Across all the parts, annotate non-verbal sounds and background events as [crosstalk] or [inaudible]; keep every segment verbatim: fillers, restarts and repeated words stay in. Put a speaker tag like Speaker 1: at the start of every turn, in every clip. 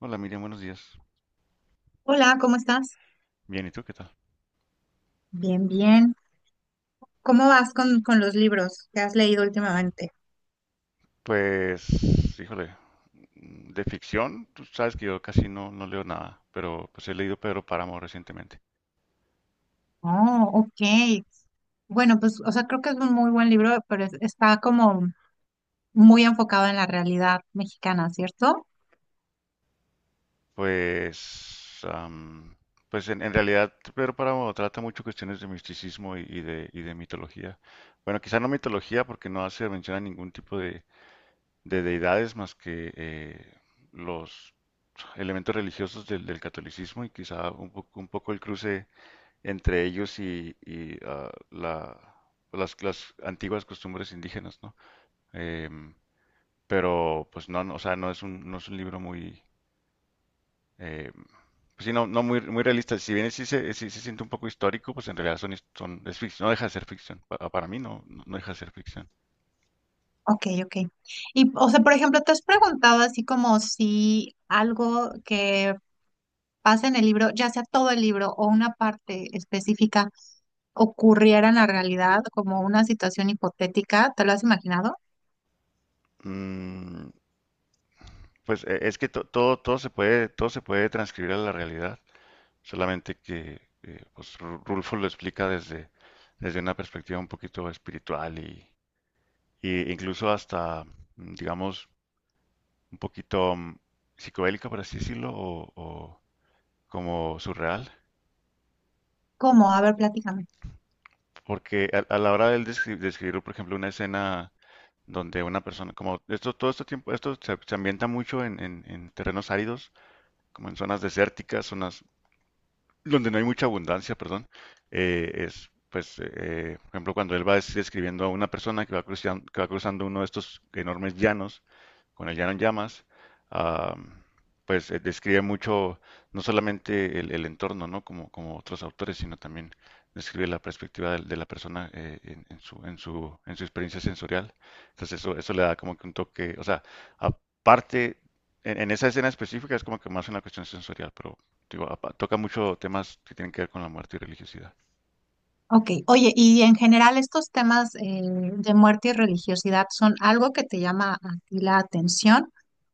Speaker 1: Hola Miriam, buenos días.
Speaker 2: Hola, ¿cómo estás?
Speaker 1: Bien, ¿y tú qué tal?
Speaker 2: Bien, bien. ¿Cómo vas con, con los libros que has leído últimamente?
Speaker 1: Pues, híjole, mm, de ficción, tú sabes que yo casi no, no leo nada, pero pues he leído Pedro Páramo recientemente.
Speaker 2: Oh, ok. Bueno, pues, o sea, creo que es un muy buen libro, pero es- está como muy enfocado en la realidad mexicana, ¿cierto?
Speaker 1: Pues, am, pues en, en realidad Pedro Páramo trata mucho cuestiones de misticismo y, y de, y de mitología. Bueno, quizá no mitología porque no hace mención a ningún tipo de, de deidades más que eh, los elementos religiosos del, del catolicismo y quizá un poco, un poco el cruce entre ellos y, y, ah, la, las, las antiguas costumbres indígenas, ¿no? Em, pero pues no, no, o sea, no es un, no es un libro muy, eh, pues sí, no, no muy, muy realista. Si bien sí se, sí se siente un poco histórico, pues en realidad son, his- son, es ficción, no deja de ser ficción. Pa- Para mí, no, no no deja de ser ficción.
Speaker 2: Ok, ok. Y, o sea, por ejemplo, ¿te has preguntado así como si algo que pasa en el libro, ya sea todo el libro o una parte específica, ocurriera en la realidad, como una situación hipotética? ¿Te lo has imaginado?
Speaker 1: Mm, pues eh, es que to- todo, todo se puede, todo se puede transcribir a la realidad, solamente que eh, pues, Ru- Rulfo lo explica desde, desde una perspectiva un poquito espiritual y, e incluso hasta, mm, digamos, un poquito mm, psicodélica, por así decirlo, o, o como surreal.
Speaker 2: ¿Cómo? A ver, platícame.
Speaker 1: Porque a, a la hora del descri- describir, por ejemplo, una escena donde una persona, como esto, todo este tiempo, esto se, se ambienta mucho en, en- en terrenos áridos, como en zonas desérticas, zonas donde no hay mucha abundancia, perdón, eh, es, pues, eh, por ejemplo, cuando él va des- describiendo a una persona que va cruzando, que va cruzando uno de estos enormes llanos, con el llano en llamas, ah, pues eh, describe mucho, no solamente el, el entorno, ¿no? Como, como otros autores, sino también describe la perspectiva de, de la persona eh, en, en su, en su, en su experiencia sensorial. Entonces eso, eso le da como que un toque, o sea, aparte, en, en esa escena específica es como que más una cuestión sensorial, pero digo, apa- toca mucho temas que tienen que ver con la muerte y religiosidad.
Speaker 2: Ok, oye, y en general estos temas eh, de muerte y religiosidad son algo que te llama a ti la atención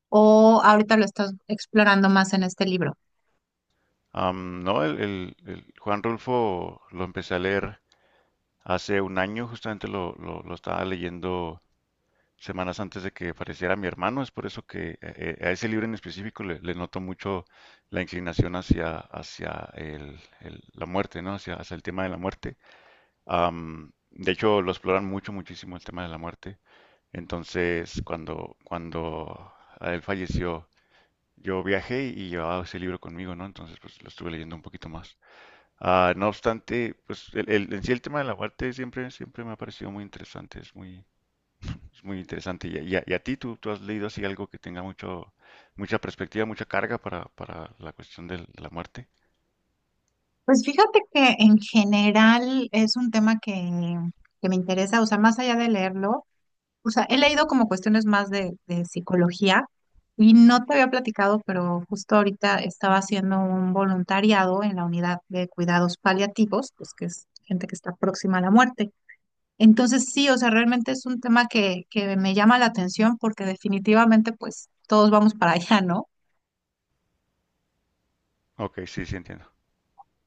Speaker 2: o ahorita lo estás explorando más en este libro.
Speaker 1: Am, no, el, el- el Juan Rulfo lo empecé a leer hace un año, justamente lo, lo- lo estaba leyendo semanas antes de que falleciera mi hermano, es por eso que eh, eh, a ese libro en específico le, le noto mucho la inclinación hacia, hacia el- el- la muerte, ¿no? Hacia, hacia el tema de la muerte. Am, de hecho, lo exploran mucho, muchísimo el tema de la muerte. Entonces, cuando, cuando él falleció, yo viajé y llevaba ese libro conmigo, ¿no? Entonces, pues lo estuve leyendo un poquito más. Ah, no obstante, pues el, el- en sí el tema de la muerte siempre, siempre me ha parecido muy interesante, es muy, es muy interesante. Y, a, y a- y a ti, ¿tú, tú has leído así algo que tenga mucho, mucha perspectiva, mucha carga para, para la cuestión del- de la muerte?
Speaker 2: Pues fíjate que en general es un tema que, que me interesa, o sea, más allá de leerlo, o sea, he leído como cuestiones más de, de psicología y no te había platicado, pero justo ahorita estaba haciendo un voluntariado en la unidad de cuidados paliativos, pues que es gente que está próxima a la muerte. Entonces sí, o sea, realmente es un tema que, que me llama la atención porque definitivamente pues todos vamos para allá, ¿no?
Speaker 1: Ok, sí, sí entiendo.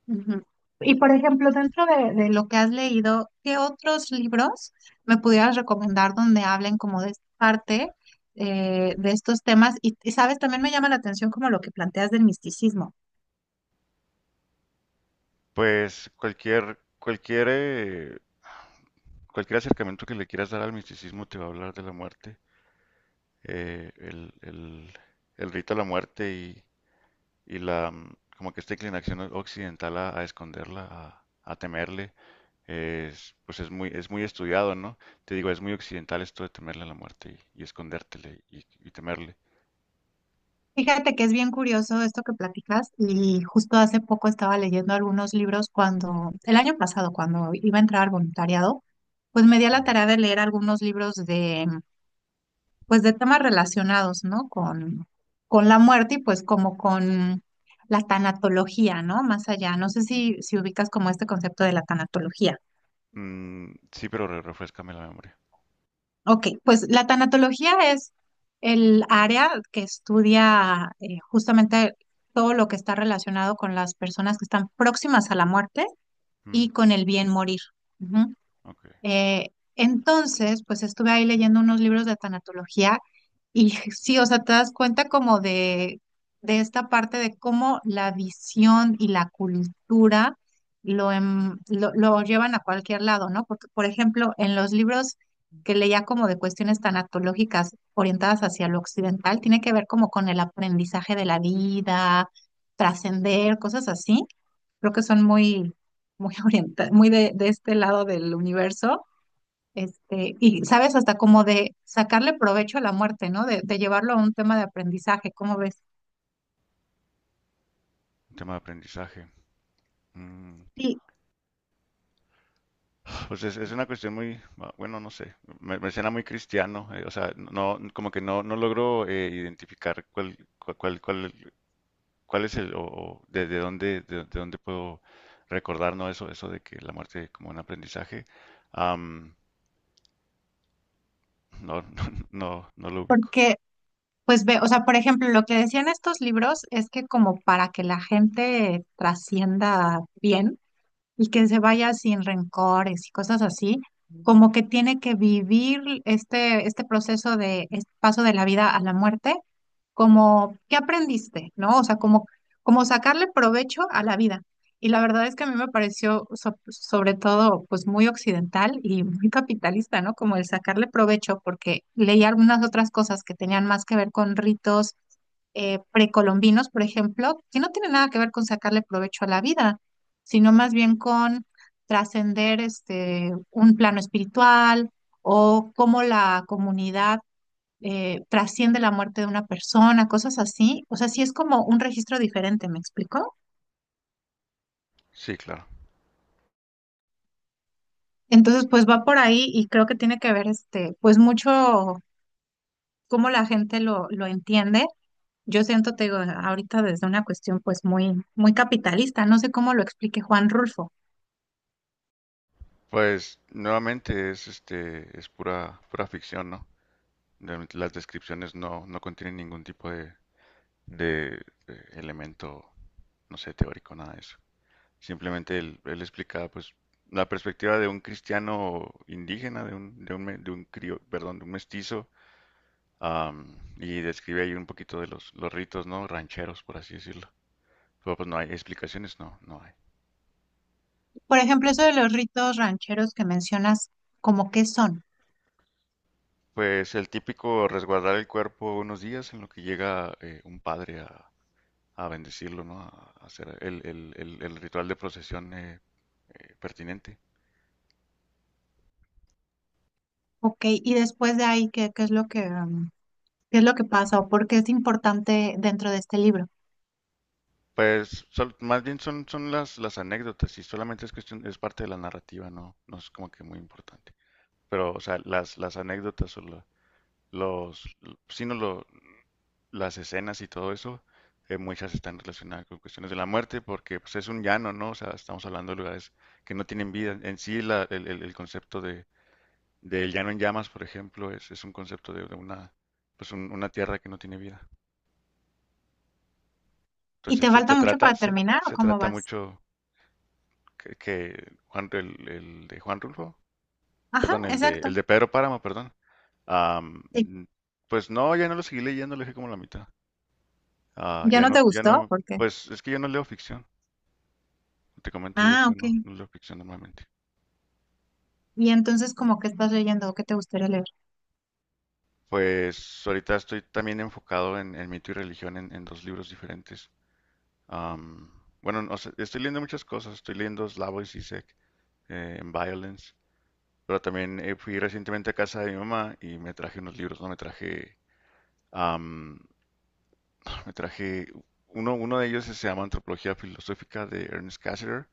Speaker 2: Ujú. Y por ejemplo, dentro de, de lo que has leído, ¿qué otros libros me pudieras recomendar donde hablen como de esta parte, eh, de estos temas? Y, y, sabes, también me llama la atención como lo que planteas del misticismo.
Speaker 1: Pues cualquier, cualquier, eh, cualquier acercamiento que le quieras dar al misticismo te va a hablar de la muerte, eh, el, el, el rito a la muerte y la mm, como que esta inclinación occidental a, a esconderla, a, a temerle, es, pues es muy, es muy estudiado, ¿no? Te digo, es muy occidental esto de temerle a la muerte y, y escondértele y, y temerle.
Speaker 2: Fíjate que es bien curioso esto que platicas y justo hace poco estaba leyendo algunos libros cuando, el año pasado, cuando iba a entrar al voluntariado, pues me di a la
Speaker 1: Ujú.
Speaker 2: tarea de leer algunos libros de, pues de temas relacionados, ¿no? Con, con la muerte y pues como con la tanatología, ¿no? Más allá. No sé si, si ubicas como este concepto de la tanatología.
Speaker 1: Mm, sí, pero re- refréscame la memoria.
Speaker 2: Ok, pues la tanatología es el área que estudia eh, justamente todo lo que está relacionado con las personas que están próximas a la muerte y
Speaker 1: Mm,
Speaker 2: con el bien morir. Ujú.
Speaker 1: ok.
Speaker 2: Eh, entonces, pues estuve ahí leyendo unos libros de tanatología y [laughs] sí, o sea, te das cuenta como de, de esta parte de cómo la visión y la cultura lo, em- lo, lo llevan a cualquier lado, ¿no? Porque, por ejemplo, en los libros que leía como de cuestiones tanatológicas orientadas hacia lo occidental, tiene que ver como con el aprendizaje de la vida, trascender, cosas así. Creo que son muy, muy [laughs] orienta- muy de de este lado del universo. Este, y sabes, hasta como de sacarle provecho a la muerte, ¿no? De, de llevarlo a un tema de aprendizaje, ¿cómo ves?
Speaker 1: Un tema de aprendizaje. Mm,
Speaker 2: Sí.
Speaker 1: pues es, es una cuestión muy, ah, bueno, no sé, me, me suena muy cristiano, eh, o sea, no, como que no, no logro eh, identificar cuál, cuál, cuál, cuál ¿cuál es el, o, o de, de dónde, de, de dónde puedo recordar, ¿no? Eso, eso de que la muerte como un aprendizaje. Am, no, [laughs] no, no, no lo ubico.
Speaker 2: Porque, pues ve, o sea, por ejemplo, lo que decían estos libros es que como para que la gente trascienda bien, y que se vaya sin rencores y cosas así, como que tiene que vivir este, este proceso de este paso de la vida a la muerte, como, ¿qué aprendiste? ¿No? O sea, como, como sacarle provecho a la vida. Y la verdad es que a mí me pareció so- sobre todo pues muy occidental y muy capitalista, ¿no? Como el sacarle provecho, porque leí algunas otras cosas que tenían más que ver con ritos eh, precolombinos, por ejemplo, que no tienen nada que ver con sacarle provecho a la vida sino más bien con trascender este, un plano espiritual o cómo la comunidad eh, trasciende la muerte de una persona, cosas así. O sea, sí es como un registro diferente, ¿me explico?
Speaker 1: Sí, claro.
Speaker 2: Entonces, pues va por ahí y creo que tiene que ver este, pues mucho cómo la gente lo, lo entiende. Yo siento, te digo, ahorita desde una cuestión pues muy, muy capitalista, no sé cómo lo explique Juan Rulfo.
Speaker 1: Pues nuevamente es este, es pura, pura ficción, ¿no? Realmente las descripciones no, no contienen ningún tipo de, de, eh, elemento, no sé, teórico, nada de eso. Simplemente él, él explica, pues, la perspectiva de un cristiano indígena, de un, de un, me- de un crio- perdón, de un mestizo. Am, y describe ahí un poquito de los, los ritos, ¿no? Rancheros, por así decirlo. Pero pues no hay explicaciones, no, no hay.
Speaker 2: Por ejemplo, eso de los ritos rancheros que mencionas, ¿cómo qué son?
Speaker 1: Pues el típico resguardar el cuerpo unos días en lo que llega eh, un padre a, a bendecirlo, ¿no? A hacer el, el- el- el ritual de procesión eh, eh, pertinente.
Speaker 2: Ok, y después de ahí, ¿qué, qué es lo que, um, qué es lo que pasa o por qué es importante dentro de este libro?
Speaker 1: Pues sol- más bien son, son las, las anécdotas y solamente es cuestión, es parte de la narrativa, ¿no? No es como que muy importante. Pero, o sea, las, las anécdotas o la- los, l- sí, no, lo, las escenas y todo eso, eh, muchas están relacionadas con cuestiones de la muerte, porque pues, es un llano, ¿no? O sea, estamos hablando de lugares que no tienen vida. En sí, la- el, el- el concepto de, del llano en llamas, por ejemplo, es, es un concepto de, de una, pues, un- una tierra que no tiene vida.
Speaker 2: ¿Y
Speaker 1: Entonces,
Speaker 2: te
Speaker 1: se,
Speaker 2: falta
Speaker 1: se
Speaker 2: mucho
Speaker 1: trata,
Speaker 2: para
Speaker 1: se,
Speaker 2: terminar o
Speaker 1: se
Speaker 2: cómo
Speaker 1: trata
Speaker 2: vas?
Speaker 1: mucho que, que Juan, el, el de Juan Rulfo,
Speaker 2: Ajá,
Speaker 1: perdón, el de,
Speaker 2: exacto.
Speaker 1: el de Pedro Páramo, perdón. Am,
Speaker 2: Sí.
Speaker 1: mm, pues no, ya no lo seguí leyendo, lo dejé como la mitad. Ah,
Speaker 2: ¿Ya
Speaker 1: ya
Speaker 2: no te
Speaker 1: no, ya
Speaker 2: gustó?
Speaker 1: no,
Speaker 2: ¿Por qué?
Speaker 1: pues es que yo no leo ficción. Te comento, yo,
Speaker 2: Ah,
Speaker 1: yo
Speaker 2: ok.
Speaker 1: no, no leo ficción normalmente.
Speaker 2: Y entonces, ¿como que estás leyendo o qué te gustaría leer?
Speaker 1: Pues ahorita estoy también enfocado en, en mito y religión en, en dos libros diferentes. Am, bueno, no sé, estoy leyendo muchas cosas. Estoy leyendo Slavoj Zizek eh, en Violence, pero también eh, fui recientemente a casa de mi mamá y me traje unos libros, ¿no? Me traje, am, [sniffs] [smacks lips] me traje, uno, uno de ellos se llama Antropología Filosófica de Ernest Cassirer.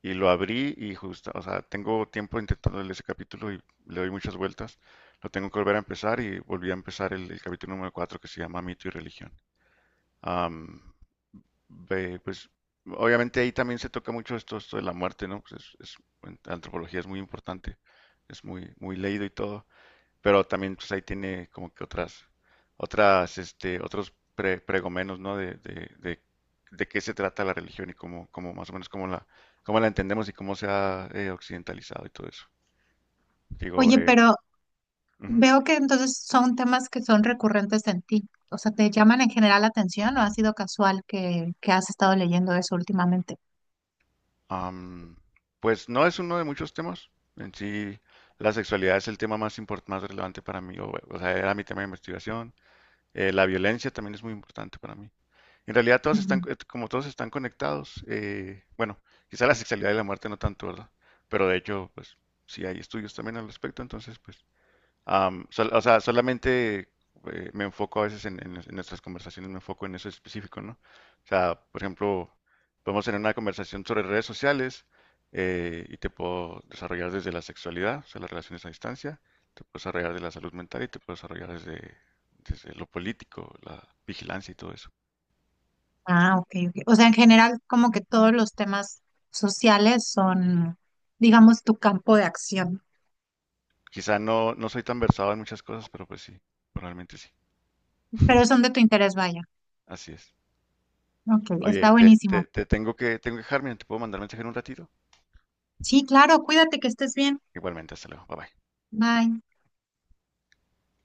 Speaker 1: Y lo abrí y justo, o sea, tengo tiempo intentando leer ese capítulo y le doy muchas vueltas. Lo tengo que volver a empezar y volví a empezar el, el capítulo número cuatro que se llama Mito y Religión. Am, ve, pues obviamente ahí también se toca mucho esto, esto de la muerte, ¿no? Pues es, es- en antropología es muy importante, es muy, muy leído y todo, pero también pues ahí tiene como que otras, otras, este, otros pre- pregomenos, ¿no? De, de, de, de qué se trata la religión y cómo, cómo más o menos cómo la, cómo la entendemos y cómo se ha eh, occidentalizado y todo eso. Digo,
Speaker 2: Oye,
Speaker 1: eh,
Speaker 2: pero
Speaker 1: ujú.
Speaker 2: veo que entonces son temas que son recurrentes en ti. O sea, ¿te llaman en general la atención o ha sido casual que, que has estado leyendo eso últimamente?
Speaker 1: Am, pues no es uno de muchos temas. En sí, la sexualidad es el tema más import- más relevante para mí, o, o sea, era mi tema de investigación. Eh, la violencia también es muy importante para mí. En realidad todas están, eh, como todos están conectados, eh, bueno, quizá la sexualidad y la muerte no tanto, ¿verdad? Pero de hecho, pues sí hay estudios también al respecto, entonces pues, am, sol- o sea, solamente eh, me enfoco a veces en, en- en nuestras conversaciones, me enfoco en eso específico, ¿no? O sea, por ejemplo, podemos tener una conversación sobre redes sociales eh, y te puedo desarrollar desde la sexualidad, o sea, las relaciones a distancia, te puedo desarrollar de la salud mental y te puedo desarrollar desde, desde lo político, la vigilancia y todo eso.
Speaker 2: Ah, ok, ok. O sea, en general, como que todos los temas sociales son, digamos, tu campo de acción,
Speaker 1: Quizá no, no soy tan versado en muchas cosas, pero pues sí, realmente sí.
Speaker 2: pero
Speaker 1: [laughs]
Speaker 2: son de tu interés, vaya.
Speaker 1: Así es.
Speaker 2: Ok,
Speaker 1: Oye,
Speaker 2: está
Speaker 1: te, te,
Speaker 2: buenísimo.
Speaker 1: te tengo que, tengo que dejar, mira, te puedo mandar mensaje en un ratito.
Speaker 2: Sí, claro, cuídate, que estés bien.
Speaker 1: Igualmente, hasta luego. Bye bye.
Speaker 2: Bye.